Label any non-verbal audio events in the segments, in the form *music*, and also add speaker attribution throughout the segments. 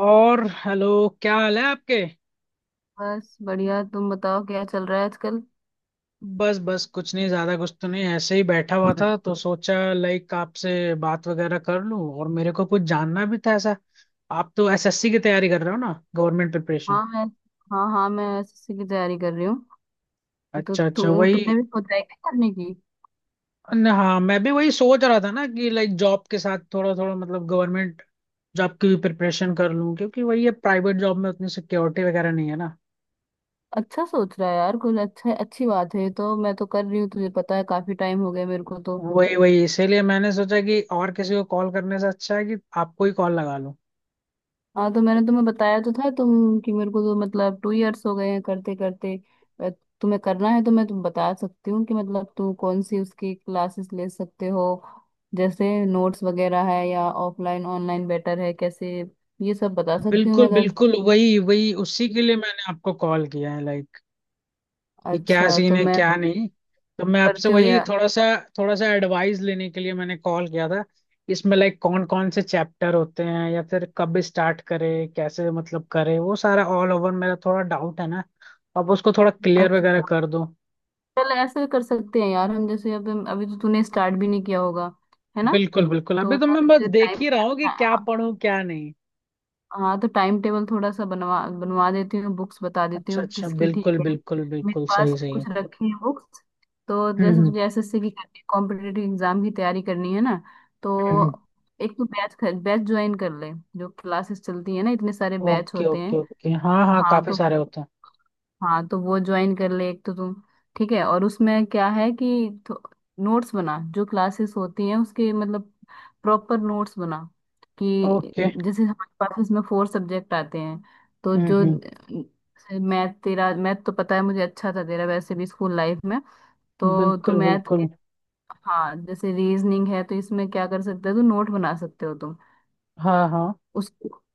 Speaker 1: और हेलो। क्या हाल है आपके।
Speaker 2: बस बढ़िया। तुम बताओ क्या चल रहा है आजकल।
Speaker 1: बस बस कुछ नहीं, ज्यादा कुछ तो नहीं, ऐसे ही बैठा हुआ था तो सोचा आपसे बात वगैरह कर लूं। और मेरे को कुछ जानना भी था ऐसा। आप तो एसएससी की तैयारी कर रहे हो ना, गवर्नमेंट प्रिपरेशन।
Speaker 2: हाँ, मैं, हाँ हाँ मैं एसएससी की तैयारी कर रही हूँ। तो
Speaker 1: अच्छा अच्छा,
Speaker 2: तू
Speaker 1: वही।
Speaker 2: तुमने भी सोचा है क्या करने की।
Speaker 1: हाँ, मैं भी वही सोच रहा था ना कि जॉब के साथ थोड़ा थोड़ा मतलब गवर्नमेंट जॉब की भी प्रिपरेशन कर लूं, क्योंकि वही है, प्राइवेट जॉब में उतनी सिक्योरिटी वगैरह नहीं है ना।
Speaker 2: अच्छा, सोच रहा है यार कुछ। अच्छा, अच्छी बात है। तो मैं तो कर रही हूँ, तुझे पता है काफी टाइम हो गया मेरे को तो।
Speaker 1: वही वही, इसीलिए मैंने सोचा कि और किसी को कॉल करने से अच्छा है कि आपको ही कॉल लगा लूं।
Speaker 2: हाँ तो मैंने तुम्हें बताया तो था तुम कि मेरे को तो मतलब टू इयर्स हो गए हैं करते करते। अ, तुम्हें करना है तो मैं तुम्हें बता सकती हूँ कि मतलब तुम कौन सी उसकी क्लासेस ले सकते हो। जैसे नोट्स वगैरह है या ऑफलाइन ऑनलाइन बेटर है कैसे, ये सब बता सकती हूँ मैं
Speaker 1: बिल्कुल
Speaker 2: अगर।
Speaker 1: बिल्कुल, वही वही, उसी के लिए मैंने आपको कॉल किया है। कि क्या
Speaker 2: अच्छा
Speaker 1: सीन
Speaker 2: तो
Speaker 1: है
Speaker 2: मैं
Speaker 1: क्या नहीं। तो मैं आपसे
Speaker 2: करती हूँ
Speaker 1: वही
Speaker 2: यार।
Speaker 1: थोड़ा सा एडवाइस लेने के लिए मैंने कॉल किया था। इसमें कौन कौन से चैप्टर होते हैं, या फिर कब स्टार्ट करें, कैसे मतलब करें, वो सारा ऑल ओवर मेरा थोड़ा डाउट है ना। अब उसको थोड़ा क्लियर वगैरह
Speaker 2: अच्छा,
Speaker 1: कर दो।
Speaker 2: चल ऐसे कर सकते हैं यार हम। जैसे अभी अभी तो तूने स्टार्ट भी नहीं किया होगा, है ना।
Speaker 1: बिल्कुल बिल्कुल,
Speaker 2: तो
Speaker 1: अभी तो
Speaker 2: मैं
Speaker 1: मैं बस
Speaker 2: तुझे
Speaker 1: देख
Speaker 2: टाइम,
Speaker 1: ही रहा हूँ कि
Speaker 2: हाँ
Speaker 1: क्या
Speaker 2: हाँ,
Speaker 1: पढूं क्या नहीं।
Speaker 2: हाँ, तो टाइम टेबल थोड़ा सा बनवा बनवा देती हूँ, बुक्स बता देती
Speaker 1: अच्छा
Speaker 2: हूँ
Speaker 1: अच्छा,
Speaker 2: किसकी,
Speaker 1: बिल्कुल
Speaker 2: ठीक है।
Speaker 1: बिल्कुल
Speaker 2: मेरे
Speaker 1: बिल्कुल,
Speaker 2: पास
Speaker 1: सही
Speaker 2: भी
Speaker 1: सही
Speaker 2: कुछ
Speaker 1: है।
Speaker 2: रखी है बुक्स। तो
Speaker 1: हम्म
Speaker 2: जैसे
Speaker 1: हम्म
Speaker 2: तुझे एसएससी की करनी है, कॉम्पिटेटिव एग्जाम की तैयारी करनी है ना। तो
Speaker 1: हम्म।
Speaker 2: एक तो बैच, ज्वाइन कर ले। जो क्लासेस चलती है ना, इतने सारे बैच
Speaker 1: ओके
Speaker 2: होते
Speaker 1: ओके
Speaker 2: हैं।
Speaker 1: ओके, हाँ हाँ,
Speaker 2: हाँ
Speaker 1: काफी
Speaker 2: तो,
Speaker 1: सारे होते हैं।
Speaker 2: हाँ तो वो ज्वाइन कर ले एक तो तुम। ठीक है, और उसमें क्या है कि नोट्स बना, जो क्लासेस होती हैं उसके मतलब प्रॉपर नोट्स बना, कि
Speaker 1: ओके।
Speaker 2: जैसे हमारे पास इसमें फोर सब्जेक्ट आते हैं। तो जो
Speaker 1: हम्म।
Speaker 2: मैथ तेरा मैथ तो पता है मुझे अच्छा था तेरा, वैसे भी स्कूल लाइफ में। तो तू
Speaker 1: बिल्कुल
Speaker 2: मैथ के,
Speaker 1: बिल्कुल।
Speaker 2: हाँ जैसे रीजनिंग है तो इसमें क्या कर सकते हो, तो नोट बना सकते हो तुम
Speaker 1: हाँ हाँ।
Speaker 2: उस।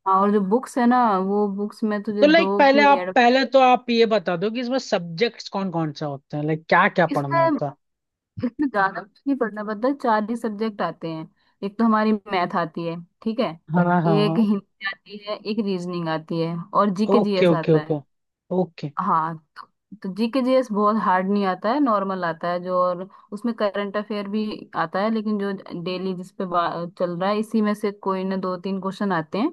Speaker 2: हाँ, और जो बुक्स है ना वो बुक्स में तुझे
Speaker 1: तो
Speaker 2: दो
Speaker 1: पहले
Speaker 2: की
Speaker 1: आप
Speaker 2: एड।
Speaker 1: पहले तो आप ये बता दो कि इसमें सब्जेक्ट्स कौन कौन से होते हैं, क्या क्या पढ़ना
Speaker 2: इसमें,
Speaker 1: होता है।
Speaker 2: इसमें ज्यादा कुछ नहीं पढ़ना पड़ता, चार ही सब्जेक्ट आते हैं। एक तो हमारी मैथ आती है, ठीक है,
Speaker 1: हाँ हाँ हाँ।
Speaker 2: एक हिंदी आती है, एक रीजनिंग आती है, और जीके
Speaker 1: ओके
Speaker 2: जीएस
Speaker 1: ओके
Speaker 2: आता है।
Speaker 1: ओके। ओके
Speaker 2: हाँ, तो जीके जीएस बहुत हार्ड नहीं आता है, नॉर्मल आता है जो। और उसमें करंट अफेयर भी आता है। लेकिन जो डेली चल रहा है, इसी में से कोई ना दो तीन क्वेश्चन आते हैं।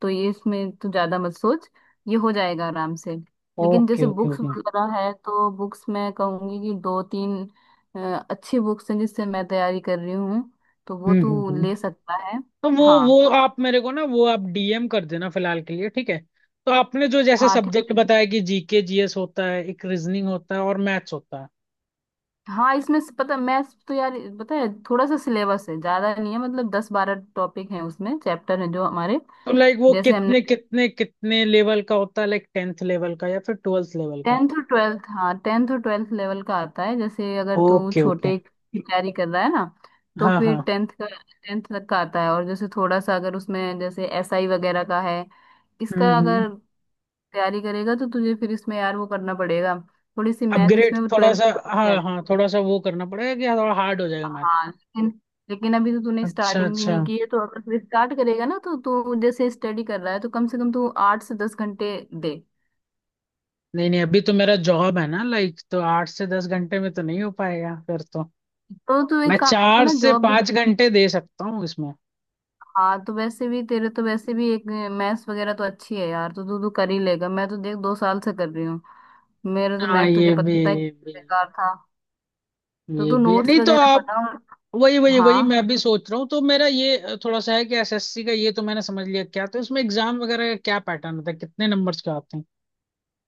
Speaker 2: तो ये इसमें तो ज्यादा मत सोच, ये हो जाएगा आराम से। लेकिन
Speaker 1: ओके
Speaker 2: जैसे
Speaker 1: ओके
Speaker 2: बुक्स
Speaker 1: ओके।
Speaker 2: वगैरह है तो बुक्स, मैं कहूंगी कि दो तीन अ, अच्छी बुक्स हैं जिससे मैं तैयारी कर रही हूँ, तो वो
Speaker 1: हम्म हम्म
Speaker 2: तू
Speaker 1: हम्म।
Speaker 2: ले सकता है।
Speaker 1: तो वो
Speaker 2: हाँ,
Speaker 1: आप मेरे को ना, वो आप डीएम कर देना फिलहाल के लिए, ठीक है। तो आपने जो जैसे
Speaker 2: हाँ ठीक
Speaker 1: सब्जेक्ट
Speaker 2: है।
Speaker 1: बताया, कि जीके जीएस होता है, एक रीजनिंग होता है और मैथ्स होता है।
Speaker 2: हाँ इसमें से- पता, मैथ्स तो यार पता है, थोड़ा सा सिलेबस है, ज्यादा नहीं है, मतलब दस बारह टॉपिक हैं उसमें, चैप्टर हैं जो हमारे।
Speaker 1: तो वो
Speaker 2: जैसे हमने,
Speaker 1: कितने कितने कितने लेवल का होता है? टेंथ लेवल का या फिर ट्वेल्थ लेवल का?
Speaker 2: टेंथ और ट्वेल्थ, हाँ टेंथ और ट्वेल्थ लेवल का आता है। जैसे अगर तू
Speaker 1: ओके ओके।
Speaker 2: छोटे की तैयारी कर रहा है ना तो
Speaker 1: हाँ
Speaker 2: फिर
Speaker 1: हाँ।
Speaker 2: टेंथ का, टेंथ तक का आता है। और जैसे थोड़ा सा अगर उसमें जैसे एसआई वगैरह का है, इसका
Speaker 1: हम्म।
Speaker 2: अगर तैयारी करेगा तो तुझे फिर इसमें यार वो करना पड़ेगा, थोड़ी सी मैथ
Speaker 1: अपग्रेड
Speaker 2: इसमें
Speaker 1: थोड़ा
Speaker 2: ट्वेल्थ
Speaker 1: सा। हाँ
Speaker 2: यार।
Speaker 1: हाँ, थोड़ा सा वो करना पड़ेगा कि थोड़ा हार्ड हो जाएगा मैथ।
Speaker 2: हाँ लेकिन, लेकिन अभी तो तूने
Speaker 1: अच्छा
Speaker 2: स्टार्टिंग भी
Speaker 1: अच्छा।
Speaker 2: नहीं की है, तो अगर फिर स्टार्ट करेगा ना तो तू जैसे स्टडी कर रहा है, तो कम से कम तू आठ से दस घंटे दे।
Speaker 1: नहीं नहीं, अभी तो मेरा जॉब है ना तो 8 से 10 घंटे में तो नहीं हो पाएगा फिर तो।
Speaker 2: तो तू एक
Speaker 1: मैं
Speaker 2: काम
Speaker 1: चार
Speaker 2: ना,
Speaker 1: से
Speaker 2: जॉब भी,
Speaker 1: पांच घंटे दे सकता हूँ इसमें।
Speaker 2: हाँ तो वैसे भी तेरे, तो वैसे भी एक मैथ्स वगैरह तो अच्छी है यार, तो तू तू कर ही लेगा। मैं तो देख दो साल से कर रही हूँ, मेरा तो
Speaker 1: हाँ,
Speaker 2: मैथ तुझे
Speaker 1: ये भी,
Speaker 2: पता है
Speaker 1: ये भी,
Speaker 2: बेकार था। तो
Speaker 1: ये
Speaker 2: तू
Speaker 1: भी है।
Speaker 2: नोट्स
Speaker 1: नहीं तो
Speaker 2: वगैरह
Speaker 1: आप,
Speaker 2: बना। और
Speaker 1: वही वही
Speaker 2: हाँ
Speaker 1: वही, मैं भी सोच रहा हूँ। तो मेरा ये थोड़ा सा है कि एसएससी का ये तो मैंने समझ लिया, क्या तो इसमें एग्जाम वगैरह का क्या पैटर्न होता है, कितने नंबर्स का आते हैं।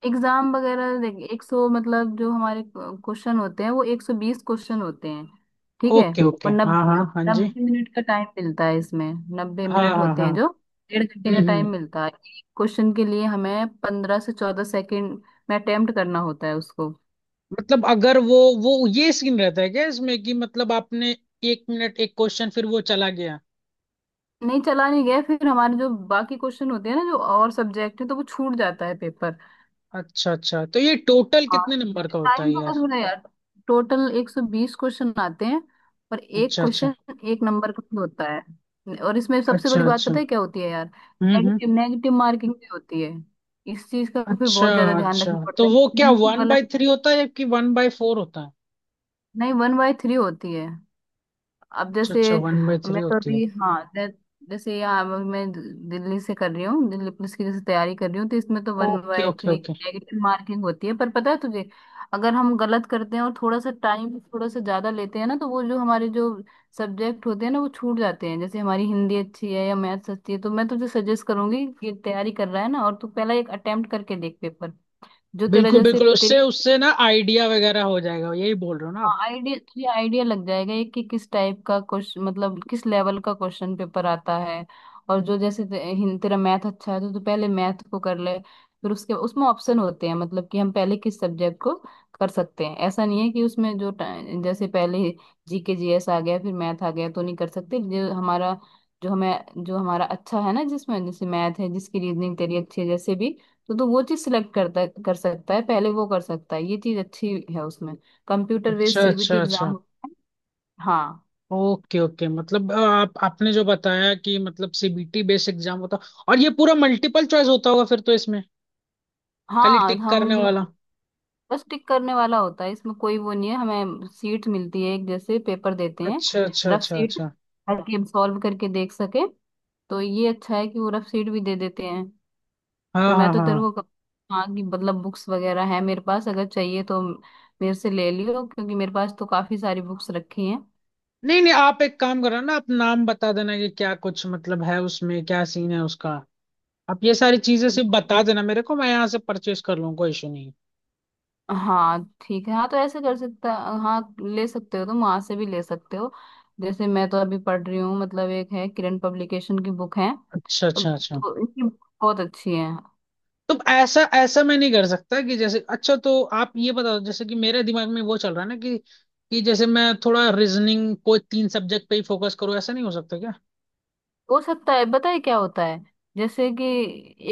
Speaker 2: एग्जाम वगैरह देख, एक सौ मतलब जो हमारे क्वेश्चन होते हैं वो एक सौ बीस क्वेश्चन होते हैं, ठीक है।
Speaker 1: ओके ओके,
Speaker 2: और
Speaker 1: हाँ
Speaker 2: नब्बे,
Speaker 1: हाँ हाँ जी।
Speaker 2: नब्बे मिनट का टाइम मिलता है इसमें, नब्बे
Speaker 1: हाँ
Speaker 2: मिनट
Speaker 1: हाँ
Speaker 2: होते
Speaker 1: हाँ।
Speaker 2: हैं जो डेढ़ घंटे का टाइम
Speaker 1: हम्म।
Speaker 2: मिलता है। एक क्वेश्चन के लिए हमें पंद्रह से चौदह सेकेंड में अटेम्प्ट करना होता है उसको।
Speaker 1: मतलब अगर वो ये सीन रहता है क्या इसमें कि मतलब आपने 1 मिनट 1 क्वेश्चन, फिर वो चला गया।
Speaker 2: नहीं चला नहीं गया, फिर हमारे जो बाकी क्वेश्चन होते हैं ना, जो और सब्जेक्ट है, तो वो छूट जाता है पेपर।
Speaker 1: अच्छा अच्छा, तो ये टोटल
Speaker 2: हाँ
Speaker 1: कितने नंबर का होता
Speaker 2: टाइम
Speaker 1: है
Speaker 2: बहुत
Speaker 1: यार।
Speaker 2: हो रहा है यार। टोटल 120 क्वेश्चन आते हैं, और एक
Speaker 1: अच्छा अच्छा
Speaker 2: क्वेश्चन, एक नंबर का भी होता है। और इसमें सबसे
Speaker 1: अच्छा
Speaker 2: बड़ी बात
Speaker 1: अच्छा।
Speaker 2: पता है क्या होती है यार,
Speaker 1: हम्म।
Speaker 2: नेगेटिव नेगेटिव मार्किंग भी होती है। इस चीज का फिर
Speaker 1: अच्छा
Speaker 2: बहुत ज्यादा ध्यान
Speaker 1: अच्छा।
Speaker 2: रखना पड़ता
Speaker 1: तो वो क्या
Speaker 2: है,
Speaker 1: वन बाई
Speaker 2: गलत।
Speaker 1: थ्री होता है या कि 1/4 होता है?
Speaker 2: नहीं, वन बाय थ्री होती है। अब
Speaker 1: अच्छा
Speaker 2: जैसे
Speaker 1: अच्छा, 1/3
Speaker 2: मैं तो
Speaker 1: होती है।
Speaker 2: अभी, जैसे यहाँ अब मैं दिल्ली से कर रही हूँ, दिल्ली पुलिस की जैसे तैयारी कर रही हूँ, तो इसमें तो one
Speaker 1: okay
Speaker 2: by
Speaker 1: okay
Speaker 2: three
Speaker 1: okay.
Speaker 2: Negative marking होती है। पर पता है तुझे, अगर हम गलत करते हैं और थोड़ा सा टाइम थोड़ा सा ज्यादा लेते हैं ना तो वो जो हमारे जो सब्जेक्ट होते हैं ना वो छूट जाते हैं। जैसे हमारी हिंदी अच्छी है या मैथ्स अच्छी है, तो मैं तुझे सजेस्ट करूंगी कि तैयारी कर रहा है ना, और तू पहला एक अटेम्प्ट करके देख पेपर, जो तेरा
Speaker 1: बिल्कुल
Speaker 2: जैसे
Speaker 1: बिल्कुल, उससे
Speaker 2: तेरी।
Speaker 1: उससे ना आइडिया वगैरह हो जाएगा, यही बोल रहे हो ना
Speaker 2: हाँ,
Speaker 1: आप।
Speaker 2: आइडिया थोड़ी आइडिया लग जाएगा ये, कि किस टाइप का क्वेश्चन मतलब किस लेवल का क्वेश्चन पेपर आता है। और जो जैसे तेरा मैथ अच्छा है तो तू पहले मैथ को कर ले, फिर उसके उसमें ऑप्शन होते हैं मतलब कि हम पहले किस सब्जेक्ट को कर सकते हैं। ऐसा नहीं है कि उसमें जैसे पहले जीके जीएस आ गया फिर मैथ आ गया तो नहीं कर सकते। जो हमारा, जो हमें, जो हमारा अच्छा है ना जिसमें जैसे मैथ है, जिसकी रीजनिंग तेरी अच्छी है जैसे भी, तो तू वो चीज सिलेक्ट करता कर सकता है, पहले वो कर सकता है, ये चीज अच्छी है उसमें। कंप्यूटर
Speaker 1: अच्छा
Speaker 2: बेस्ड
Speaker 1: अच्छा
Speaker 2: सीबीटी एग्जाम
Speaker 1: अच्छा।
Speaker 2: होता है। हाँ,
Speaker 1: ओके ओके, मतलब आप आपने जो बताया कि मतलब सीबीटी बेस एग्जाम होता, और ये पूरा मल्टीपल चॉइस होता होगा फिर तो इसमें, खाली
Speaker 2: हाँ
Speaker 1: टिक करने
Speaker 2: हम
Speaker 1: वाला।
Speaker 2: बिल्कुल, बस टिक करने वाला होता है, इसमें कोई वो नहीं है। हमें सीट मिलती है एक, जैसे पेपर देते हैं,
Speaker 1: अच्छा अच्छा
Speaker 2: रफ
Speaker 1: अच्छा
Speaker 2: सीट,
Speaker 1: अच्छा।
Speaker 2: ताकि हम सॉल्व करके देख सके। तो ये अच्छा है कि वो रफ सीट भी दे देते हैं। तो
Speaker 1: हाँ
Speaker 2: मैं
Speaker 1: हाँ
Speaker 2: तो तेरे
Speaker 1: हाँ।
Speaker 2: को हाँ कि मतलब बुक्स वगैरह है मेरे पास, अगर चाहिए तो मेरे से ले लियो, क्योंकि मेरे पास तो काफी सारी बुक्स रखी हैं।
Speaker 1: नहीं नहीं, आप एक काम करो ना, आप नाम बता देना कि क्या कुछ मतलब है उसमें, क्या सीन है उसका। आप ये सारी चीजें सिर्फ बता देना मेरे को, मैं यहाँ से परचेस कर लूँ, कोई इशू नहीं है।
Speaker 2: हाँ ठीक है, हाँ तो ऐसे कर सकता, हाँ ले सकते हो तुम, वहां से भी ले सकते हो। जैसे मैं तो अभी पढ़ रही हूँ, मतलब एक है किरण पब्लिकेशन की बुक है
Speaker 1: अच्छा अच्छा
Speaker 2: अब,
Speaker 1: अच्छा।
Speaker 2: तो इनकी book बहुत अच्छी है।
Speaker 1: तो ऐसा ऐसा मैं नहीं कर सकता कि जैसे, अच्छा तो आप ये बताओ, जैसे कि मेरे दिमाग में वो चल रहा है ना कि जैसे मैं थोड़ा रीजनिंग, कोई 3 सब्जेक्ट पे ही फोकस करूँ, ऐसा नहीं हो सकता क्या।
Speaker 2: हो सकता है, पता है क्या होता है, जैसे कि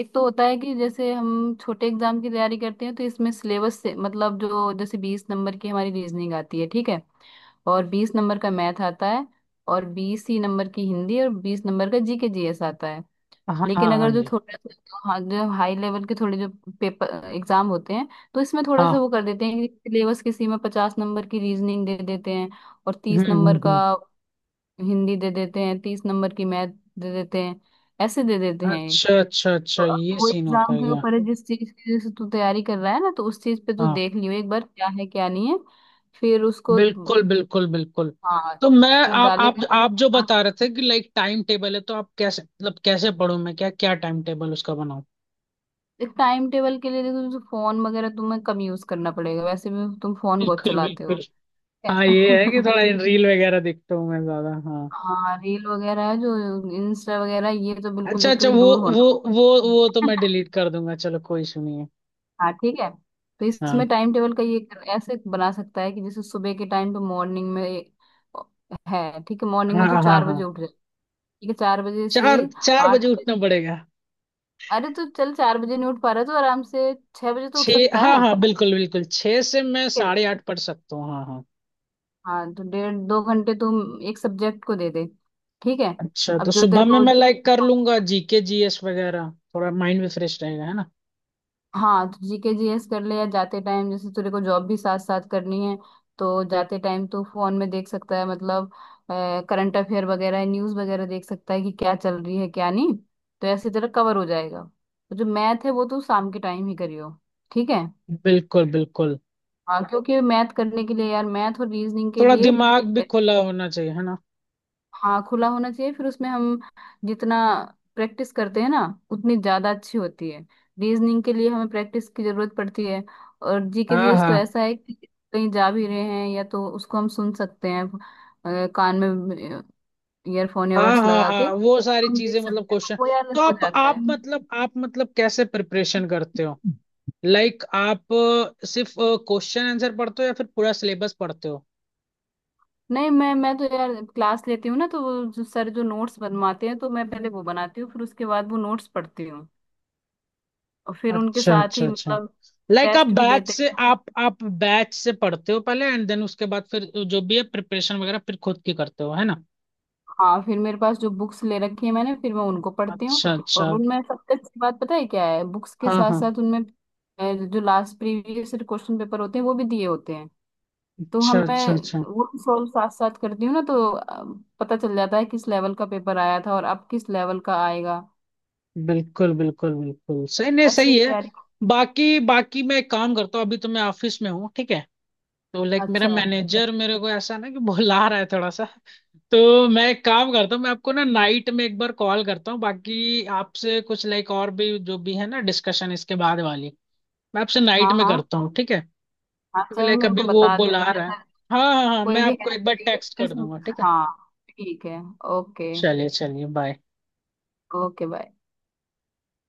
Speaker 2: एक तो होता है कि जैसे हम छोटे एग्जाम की तैयारी करते हैं, तो इसमें सिलेबस से मतलब जो जैसे बीस नंबर की हमारी रीजनिंग आती है, ठीक है, और बीस नंबर का मैथ आता है, और बीस ही नंबर की हिंदी, और बीस नंबर का जीके जीएस आता है।
Speaker 1: हाँ हाँ
Speaker 2: लेकिन
Speaker 1: हाँ
Speaker 2: अगर जो
Speaker 1: जी।
Speaker 2: थोड़ा सा जो, हाँ जो हाई लेवल के थोड़े जो पेपर एग्जाम होते हैं, तो इसमें थोड़ा
Speaker 1: हाँ।
Speaker 2: सा वो कर देते हैं कि सिलेबस किसी में पचास नंबर की रीजनिंग दे देते हैं, और तीस नंबर का
Speaker 1: हम्म।
Speaker 2: हिंदी दे देते हैं, तीस नंबर की मैथ दे देते हैं, ऐसे दे देते हैं।
Speaker 1: अच्छा अच्छा
Speaker 2: तो
Speaker 1: अच्छा,
Speaker 2: अब
Speaker 1: ये
Speaker 2: वो
Speaker 1: सीन होता
Speaker 2: एग्जाम
Speaker 1: है
Speaker 2: के
Speaker 1: क्या।
Speaker 2: ऊपर है, जिस चीज की जैसे तू तैयारी कर रहा है ना, तो उस चीज पे तू
Speaker 1: हाँ,
Speaker 2: देख लियो एक बार क्या है क्या नहीं है, फिर उसको।
Speaker 1: बिल्कुल बिल्कुल बिल्कुल।
Speaker 2: हाँ
Speaker 1: तो मैं,
Speaker 2: उस पर
Speaker 1: आप आप
Speaker 2: डालेगा।
Speaker 1: आप जो बता रहे थे कि टाइम टेबल है, तो आप कैसे, मतलब कैसे पढूं मैं, क्या क्या टाइम टेबल उसका बनाऊं।
Speaker 2: एक टाइम टेबल के लिए देखो, जैसे फोन वगैरह तुम्हें कम यूज करना पड़ेगा, वैसे भी तुम फोन बहुत
Speaker 1: बिल्कुल
Speaker 2: चलाते हो,
Speaker 1: बिल्कुल।
Speaker 2: ठीक
Speaker 1: हाँ ये है कि
Speaker 2: है?
Speaker 1: थोड़ा
Speaker 2: *laughs*
Speaker 1: रील वगैरह देखता हूँ मैं ज्यादा, हाँ।
Speaker 2: हाँ रील वगैरह है जो, इंस्टा वगैरह ये तो बिल्कुल
Speaker 1: अच्छा
Speaker 2: देखते
Speaker 1: अच्छा,
Speaker 2: हो, दूर
Speaker 1: वो
Speaker 2: होना।
Speaker 1: वो वो तो मैं
Speaker 2: *laughs*
Speaker 1: डिलीट कर दूंगा, चलो कोई इशू नहीं है।
Speaker 2: हाँ ठीक है। तो इसमें
Speaker 1: हाँ
Speaker 2: टाइम टेबल का ये ऐसे बना सकता है कि जैसे सुबह के टाइम पे, मॉर्निंग में है ठीक है। मॉर्निंग
Speaker 1: हाँ
Speaker 2: में तो
Speaker 1: हाँ।
Speaker 2: चार
Speaker 1: हाँ,
Speaker 2: बजे उठ जाए, ठीक है, चार बजे से
Speaker 1: चार चार
Speaker 2: आठ।
Speaker 1: बजे उठना पड़ेगा।
Speaker 2: अरे तो चल, चार बजे नहीं उठ पा रहा है तो आराम से छह बजे तो उठ
Speaker 1: छः,
Speaker 2: सकता
Speaker 1: हाँ हाँ, बिल्कुल बिल्कुल, छः से मैं
Speaker 2: है।
Speaker 1: साढ़े आठ पढ़ सकता हूँ, हाँ हाँ।
Speaker 2: हाँ, तो डेढ़ दो घंटे तुम एक सब्जेक्ट को दे दे, ठीक है।
Speaker 1: अच्छा, तो
Speaker 2: अब जो
Speaker 1: सुबह
Speaker 2: तेरे
Speaker 1: में
Speaker 2: को,
Speaker 1: मैं कर लूंगा जीके जीएस वगैरह, थोड़ा माइंड भी फ्रेश रहेगा है ना।
Speaker 2: हाँ तो जीके जीएस कर ले, या जाते टाइम जैसे तेरे को जॉब भी साथ साथ करनी है, तो जाते टाइम तू फोन में देख सकता है मतलब करंट अफेयर वगैरह, न्यूज वगैरह देख सकता है कि क्या चल रही है क्या नहीं। तो ऐसे तेरा कवर हो जाएगा। तो जो मैथ है वो तू शाम के टाइम ही करियो, ठीक है।
Speaker 1: बिल्कुल बिल्कुल।
Speaker 2: हाँ, क्योंकि मैथ करने के लिए यार, मैथ और रीजनिंग के
Speaker 1: थोड़ा
Speaker 2: लिए,
Speaker 1: दिमाग भी खुला होना चाहिए है ना।
Speaker 2: हाँ खुला होना चाहिए। फिर उसमें हम जितना प्रैक्टिस करते हैं ना, उतनी ज्यादा अच्छी होती है। रीजनिंग के लिए हमें प्रैक्टिस की जरूरत पड़ती है। और जीके
Speaker 1: हाँ
Speaker 2: जीएस तो
Speaker 1: हाँ
Speaker 2: ऐसा है कि कहीं जा भी रहे हैं या तो उसको हम सुन सकते हैं, कान में ईयरफोन
Speaker 1: हाँ।
Speaker 2: ईयरबड्स
Speaker 1: हाँ
Speaker 2: लगा के
Speaker 1: हाँ, वो सारी
Speaker 2: हम देख
Speaker 1: चीजें, मतलब
Speaker 2: सकते हैं, तो
Speaker 1: क्वेश्चन।
Speaker 2: वो यार
Speaker 1: तो
Speaker 2: हो
Speaker 1: आप
Speaker 2: जाता है।
Speaker 1: आप
Speaker 2: हम्म।
Speaker 1: मतलब आप मतलब कैसे प्रिपरेशन करते हो? आप सिर्फ क्वेश्चन आंसर पढ़ते हो या फिर पूरा सिलेबस पढ़ते हो?
Speaker 2: नहीं, मैं तो यार क्लास लेती हूँ ना, तो वो जो सर जो नोट्स बनवाते हैं तो मैं पहले वो बनाती हूँ, फिर उसके बाद वो नोट्स पढ़ती हूँ। और फिर उनके
Speaker 1: अच्छा
Speaker 2: साथ
Speaker 1: अच्छा
Speaker 2: ही
Speaker 1: अच्छा।
Speaker 2: मतलब
Speaker 1: आप
Speaker 2: टेस्ट भी
Speaker 1: बैच
Speaker 2: देते
Speaker 1: से
Speaker 2: हैं।
Speaker 1: आप आप बैच से पढ़ते हो पहले एंड देन उसके बाद, फिर जो भी है प्रिपरेशन वगैरह फिर खुद की करते हो है ना।
Speaker 2: हाँ फिर मेरे पास जो बुक्स ले रखी है मैंने, फिर मैं उनको पढ़ती हूँ।
Speaker 1: अच्छा
Speaker 2: और
Speaker 1: अच्छा।
Speaker 2: उनमें सबसे अच्छी बात पता है क्या है, बुक्स के
Speaker 1: हाँ
Speaker 2: साथ
Speaker 1: हाँ।
Speaker 2: साथ उनमें जो लास्ट प्रीवियस क्वेश्चन पेपर होते हैं वो भी दिए होते हैं। तो
Speaker 1: अच्छा अच्छा
Speaker 2: हमें
Speaker 1: अच्छा।
Speaker 2: वो सॉल्व साथ साथ करती हूँ ना, तो पता चल जाता है किस लेवल का पेपर आया था और अब किस लेवल का आएगा।
Speaker 1: बिल्कुल बिल्कुल बिल्कुल, सही, नहीं
Speaker 2: ऐसे
Speaker 1: सही है।
Speaker 2: तैयारी।
Speaker 1: बाकी बाकी मैं एक काम करता हूँ, अभी तो मैं ऑफिस में हूँ ठीक है। तो मेरा
Speaker 2: अच्छा,
Speaker 1: मैनेजर मेरे को ऐसा ना कि बुला रहा है थोड़ा सा। तो मैं एक काम करता हूँ, मैं आपको ना नाइट में 1 बार कॉल करता हूँ, बाकी आपसे कुछ और भी जो भी है ना डिस्कशन, इसके बाद वाली मैं आपसे नाइट
Speaker 2: हाँ
Speaker 1: में
Speaker 2: हाँ,
Speaker 1: करता हूँ, ठीक है। क्योंकि
Speaker 2: अच्छा मेरे
Speaker 1: अभी
Speaker 2: को
Speaker 1: वो
Speaker 2: बता
Speaker 1: बुला
Speaker 2: देना
Speaker 1: रहा है।
Speaker 2: ऐसा
Speaker 1: हाँ हाँ हाँ, मैं
Speaker 2: कोई भी
Speaker 1: आपको
Speaker 2: हेल्प
Speaker 1: एक बार
Speaker 2: चाहिए
Speaker 1: टेक्स्ट
Speaker 2: तो
Speaker 1: कर
Speaker 2: इसमें-,
Speaker 1: दूंगा, ठीक है।
Speaker 2: हाँ ठीक है। ओके।
Speaker 1: चलिए चलिए, बाय।
Speaker 2: Okay, bye.